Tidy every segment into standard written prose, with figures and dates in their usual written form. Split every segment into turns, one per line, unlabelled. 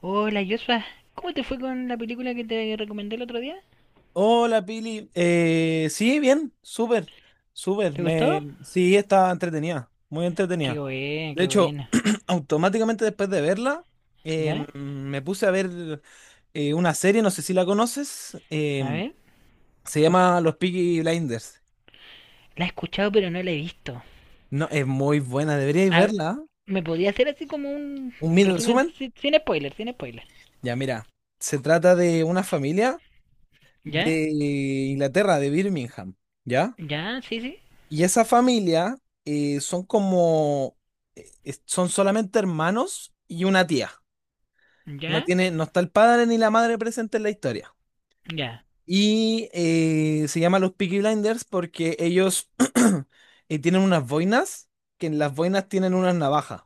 Hola Joshua, ¿cómo te fue con la película que te recomendé el otro día?
Hola Pili, sí, bien,
¿Te gustó?
sí, está entretenida, muy entretenida.
Qué buena,
De
qué
hecho,
buena.
automáticamente después de verla,
¿Ya?
me puse a ver una serie, no sé si la conoces,
A ver.
se llama Los Peaky Blinders.
La he escuchado pero no la he visto.
No, es muy buena, deberíais
A-
verla. ¿Eh?
¿Me podía hacer así como un,
Un
un
mini
resumen
resumen.
sin spoiler, sin spoiler?
Ya, mira, se trata de una familia
¿Ya?
de Inglaterra, de Birmingham, ¿ya?
¿Ya? Sí, sí.
Y esa familia son como, son solamente hermanos y una tía.
¿Ya?
No está el padre ni la madre presente en la historia.
¿Ya?
Y se llama los Peaky Blinders porque ellos tienen unas boinas, que en las boinas tienen unas navajas.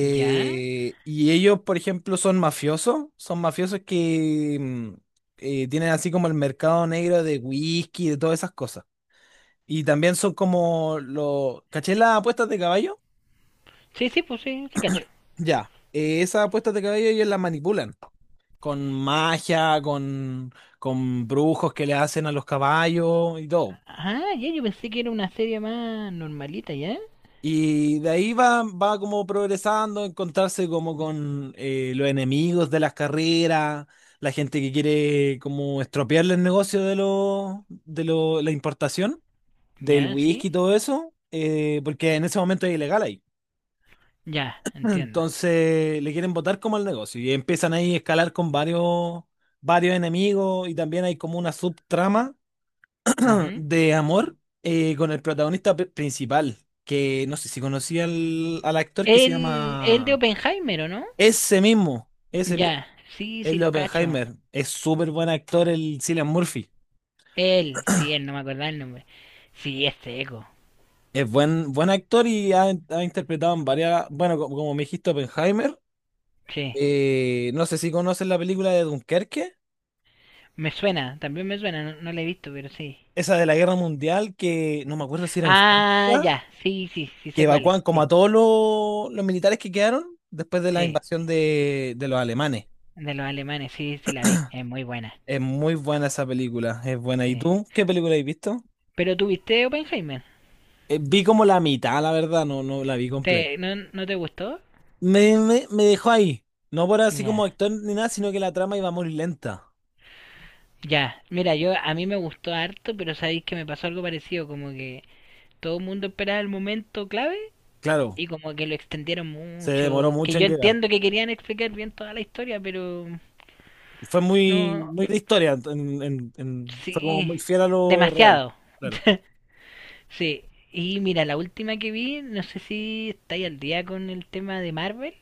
¿Ya?
Y ellos, por ejemplo, son mafiosos que tienen así como el mercado negro de whisky, de todas esas cosas. Y también son como los… ¿Caché las apuestas de caballo?
Sí, sí, pues sí, sí cacho.
Ya. Esas apuestas de caballo ellos las manipulan. Con magia, con, con brujos que le hacen a los caballos y todo.
Ah, ya, yo pensé que era una serie más normalita, ¿ya?
Y de ahí va, va como progresando, encontrarse como con los enemigos de las carreras, la gente que quiere como estropearle el negocio la importación, del
¿Ya?
whisky
Sí.
y todo eso, porque en ese momento es ilegal ahí.
Ya, entiendo.
Entonces le quieren botar como al negocio y empiezan ahí a escalar con varios enemigos, y también hay como una subtrama
Ujú.
de amor con el protagonista principal, que no sé si conocía al actor que se
El de
llama…
Oppenheimer, ¿o no?
Ese mismo,
Ya, sí,
el
sí,
de
lo cacho.
Oppenheimer. Es súper buen actor el Cillian Murphy.
Él, sí, él, no me acordaba el nombre. Sí, es seco.
Buen actor y ha interpretado en varias… Bueno, como, me dijiste, Oppenheimer.
Sí.
Eh, no sé si conoces la película de Dunkerque.
Me suena, también me suena, no, no lo he visto, pero sí.
Esa de la guerra mundial, que no me acuerdo si era en
Ah,
Francia,
ya, sí, sí, sí
que
sé cuál es.
evacuan como
Sí,
a todos los militares que quedaron después de la
sí.
invasión de los alemanes.
De los alemanes, sí, sí la vi. Es muy buena.
Es muy buena esa película, es buena. ¿Y
Sí.
tú qué película has visto?
Pero tú viste Oppenheimer.
Vi como la mitad, la verdad, no, no la vi completa.
No, no te gustó?
Me dejó ahí, no por así como
Ya.
actor ni nada, sino que la trama iba muy lenta.
Ya. Mira, yo a mí me gustó harto, pero sabéis que me pasó algo parecido, como que todo el mundo esperaba el momento clave
Claro,
y como que lo extendieron
se demoró
mucho, que
mucho
yo
en llegar.
entiendo que querían explicar bien toda la historia, pero
Fue
no.
muy de historia, fue como
Sí,
muy fiel a lo real.
demasiado.
Claro.
Sí. Y mira, la última que vi, no sé si estáis al día con el tema de Marvel.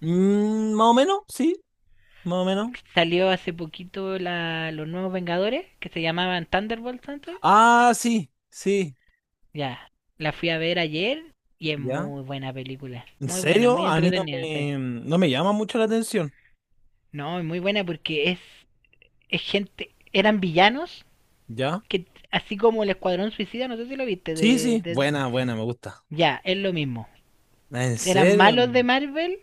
Mm, más o menos, sí. Más o menos.
Salió hace poquito la, los nuevos Vengadores, que se llamaban Thunderbolts antes.
Ah, sí, sí,
Ya, la fui a ver ayer y es
ya.
muy buena película.
¿En
Muy buena,
serio?
muy
A mí
entretenida, sí.
no me llama mucho la atención,
No, es muy buena porque es gente, eran villanos
¿ya?
que, así como el Escuadrón Suicida, no sé si lo viste,
Sí, sí, buena, me gusta.
ya, es lo mismo.
¿En
Eran
serio?
malos de Marvel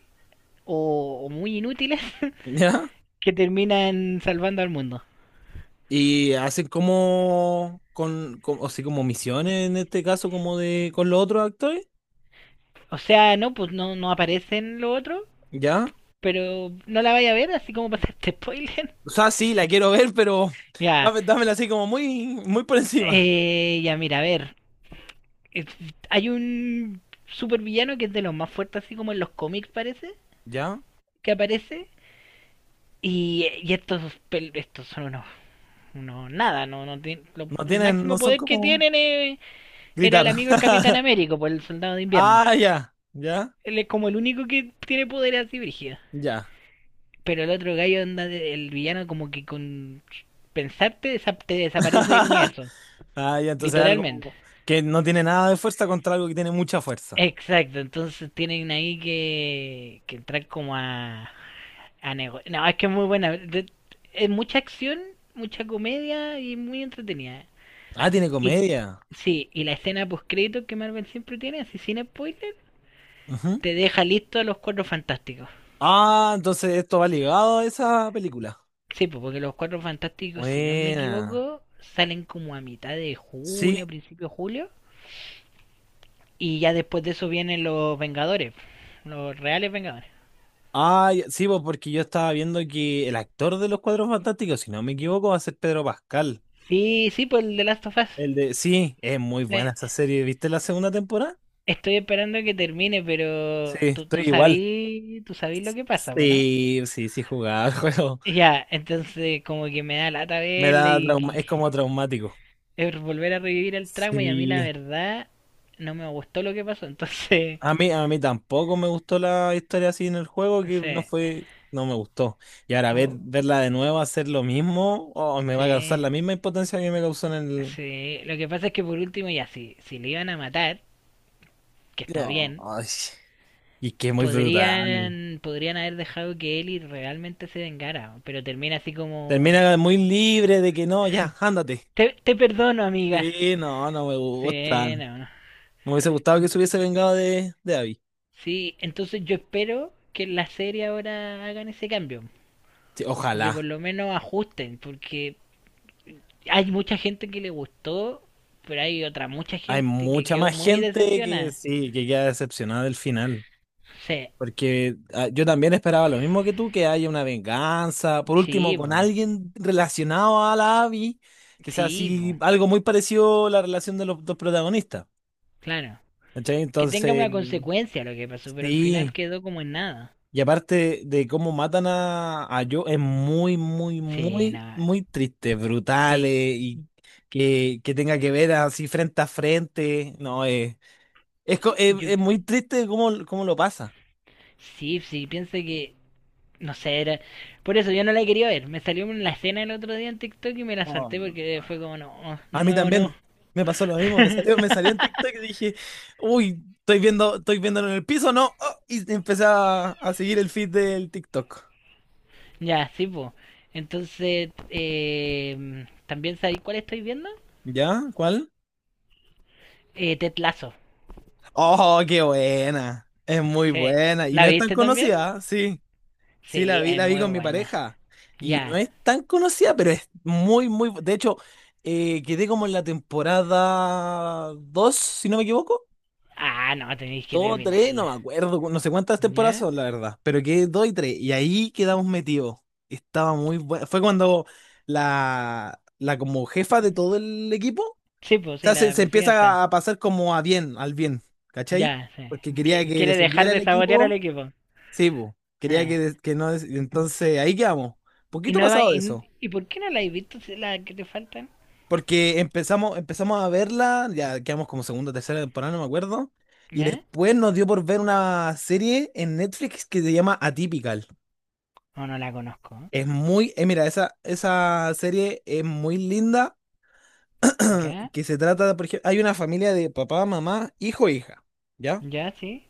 o muy inútiles
¿Ya?
que terminan salvando al mundo.
Y hacen como, o sea, como misiones en este caso, como de, con los otros actores,
O sea, no, pues no, no aparecen lo otro,
¿ya?
pero no la vaya a ver, así como pasa este spoiler.
O sea, sí, la quiero ver, pero
Ya,
dámela así como muy por encima,
ya mira, a ver, es- hay un supervillano que es de los más fuertes, así como en los cómics parece,
¿ya?
que aparece, y estos, estos son unos, unos nada, no, no tien- lo- el
No
máximo
son
poder que
como
tienen era
gritar.
el amigo del Capitán Américo, por el Soldado de Invierno.
Ah, ya, ya,
Él es como el único que tiene poder así, brígido.
ya.
Pero el otro gallo, onda, el villano, como que con te desaparece del universo.
Ah, ya, entonces es
Literalmente.
algo que no tiene nada de fuerza contra algo que tiene mucha fuerza.
Exacto, entonces tienen ahí que entrar como a no, es que es muy buena. Es mucha acción, mucha comedia y muy entretenida.
Ah, tiene
Y
comedia.
sí, y la escena post-crédito que Marvel siempre tiene, así sin spoiler,
Ujú.
te deja listo a los cuatro fantásticos.
Ah, entonces esto va ligado a esa película.
Sí, pues porque los cuatro fantásticos, si no me
Buena.
equivoco, salen como a mitad de
Sí.
junio, principio de julio. Y ya después de eso vienen los Vengadores, los reales Vengadores.
Ah, ya, sí, pues, porque yo estaba viendo que el actor de Los Cuadros Fantásticos, si no me equivoco, va a ser Pedro Pascal.
Sí, sí, pues el de Last of Us.
El de… Sí, es muy buena
Sí.
esa serie. ¿Viste la segunda temporada?
Estoy esperando que termine,
Sí,
pero tú,
estoy igual.
tú sabí lo que pasa, po, ¿no?
Sí, sí, sí, jugaba el juego.
Ya, entonces como que me da lata
Me
verle
da
y
trauma,
que-
es como traumático.
es volver a revivir el trauma y a mí la
Sí.
verdad no me gustó lo que pasó, entonces,
A mí tampoco me gustó la historia así en el juego, que no
sí,
fue, no me gustó. Y ahora
como-
verla de nuevo hacer lo mismo, oh, me va a causar
sí,
la misma impotencia que me causó en el…
sí. Lo que pasa es que por último ya, si le iban a matar, que está
No,
bien,
ay, y que es muy brutal.
podrían haber dejado que Ellie realmente se vengara, pero termina así como...
Termina muy libre de que no, ya, ándate.
Te perdono, amiga.
Sí, no, no me gusta.
Sí, no, no.
Me hubiese gustado que se hubiese vengado de Abby.
Sí, entonces yo espero que en la serie ahora hagan ese cambio,
Sí,
o que por
ojalá.
lo menos ajusten, porque hay mucha gente que le gustó, pero hay otra mucha
Hay
gente que
mucha
quedó
más
muy
gente que
decepcionada.
sí, que queda decepcionada del final.
Sí,
Porque ah, yo también esperaba lo mismo que tú, que haya una venganza, por último,
sí,
con
po,
alguien relacionado a la Abby, que sea
sí, po,
así, algo muy parecido a la relación de los dos protagonistas.
claro.
¿Cachai?
Que tenga
Entonces,
una consecuencia lo que pasó, pero al final
sí.
quedó como en nada.
Y aparte de cómo matan a Joe, es muy, muy,
Sí,
muy,
nada,
muy triste, brutal,
sí.
y que tenga que ver así frente a frente. No,
Yo.
es muy triste cómo, cómo lo pasa.
Sí, sí, piensa que. No sé, era. Por eso yo no la quería ver. Me salió en la escena el otro día en TikTok y me la
Oh.
salté porque fue como, no, de
A mí
nuevo no.
también me pasó lo mismo, me salió en TikTok y dije, uy, estoy viéndolo en el piso, ¿no? Oh, y empecé a seguir el feed del TikTok.
Ya, sí, po. Entonces, ¿también sabéis cuál estoy viendo?
¿Ya? ¿Cuál?
Ted Lasso.
Oh, qué buena. Es muy
Sí.
buena. Y no
¿La
es tan
viste también?
conocida, sí. Sí,
Sí, es
la vi
muy
con mi
buena.
pareja. Y no
Ya.
es tan conocida, pero es muy. De hecho, quedé como en la temporada 2, si no me equivoco.
Ah, no, tenéis que
Dos tres,
terminarla.
no me acuerdo, no sé cuántas temporadas
¿Ya?
son, la verdad, pero que dos y tres, y ahí quedamos metidos. Estaba muy bueno. Fue cuando la como jefa de todo el equipo, o
Sí, pues sí,
sea,
la
se empieza
presidenta.
a pasar como a bien, al bien, ¿cachai?
Ya, sí.
Porque quería que
Quiere dejar
descendiera el
de sabotear al
equipo,
equipo.
sí, po, quería
Ah.
que, no, des- entonces ahí quedamos, poquito pasado de eso.
¿Y por qué no la has visto si la que te faltan?
Porque empezamos a verla, ya quedamos como segunda o tercera temporada, no me acuerdo. Y
¿Ya?
después nos dio por ver una serie en Netflix que se llama Atypical.
O no la conozco.
Es muy, mira, esa serie es muy linda,
¿Eh? ¿Ya?
que se trata, de, por ejemplo, hay una familia de papá, mamá, hijo e hija, ¿ya?
¿Ya? ¿Sí?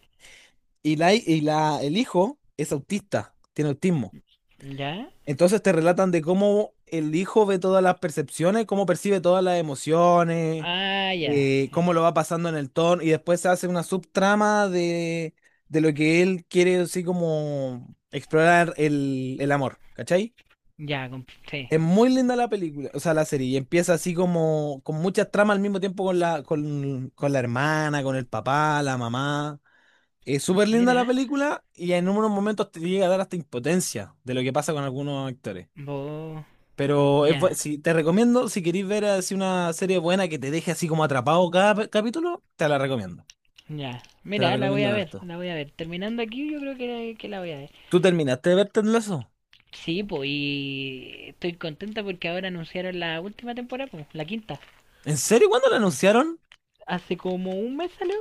El hijo es autista, tiene autismo.
¿Ya?
Entonces te relatan de cómo el hijo ve todas las percepciones, cómo percibe todas las emociones,
Ah, ya.
cómo lo va pasando en el tono, y después se hace una subtrama de lo que él quiere, así como explorar el amor, ¿cachai?
Ya, sí.
Es muy linda la película, o sea, la serie, y empieza así como con muchas tramas al mismo tiempo con la, con la hermana, con el papá, la mamá. Es súper linda la
Mira.
película y en unos momentos te llega a dar hasta impotencia de lo que pasa con algunos actores.
Vos.
Pero es,
Ya.
si, te recomiendo, si queréis ver así una serie buena que te deje así como atrapado cada capítulo, te la recomiendo.
Ya.
Te la
Mira, la voy
recomiendo
a ver.
harto.
La voy a ver. Terminando aquí, yo creo que la voy a ver.
¿Tú terminaste de ver Ted Lasso?
Sí, pues, y estoy contenta porque ahora anunciaron la última temporada, pues, la quinta.
¿En serio, cuándo lo anunciaron?
Hace como un mes salió.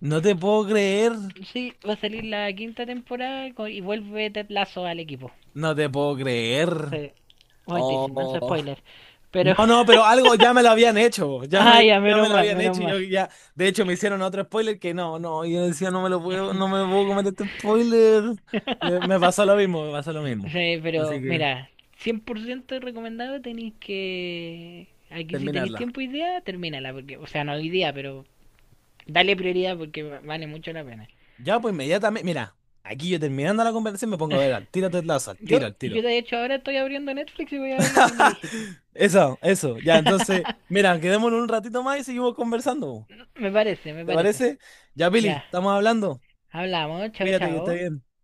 No te puedo creer.
Sí, va a salir la quinta temporada y vuelve Ted Lasso al equipo.
No te puedo creer.
Sí. Bueno, te dicen, manso
Oh.
spoiler. Pero,
No, no, pero algo ya me lo habían hecho.
ah, ya,
Ya me
menos
lo
mal,
habían
menos
hecho y
mal.
yo ya. De hecho, me hicieron otro spoiler que no, no. Yo decía, no me puedo comer este spoiler. Me pasó lo mismo, me pasó lo mismo.
Sí,
Así
pero
que
mira, 100% recomendado tenéis que... Aquí si tenéis
terminarla.
tiempo y idea, termínala, porque, o sea, no hoy día, pero dale prioridad porque vale mucho la pena.
Ya, pues inmediatamente. Mira, aquí yo terminando la conversación me pongo a ver al tiro Ted Lasso, al
Yo,
tiro, al
yo
tiro.
de hecho ahora estoy abriendo Netflix y voy a ver la que me dijiste.
Eso, eso. Ya, entonces, mira, quedémonos un ratito más y seguimos conversando.
Me parece, me
¿Te
parece.
parece? Ya, Pili,
Ya,
estamos hablando.
hablamos, chao,
Cuídate que esté
chao.
bien.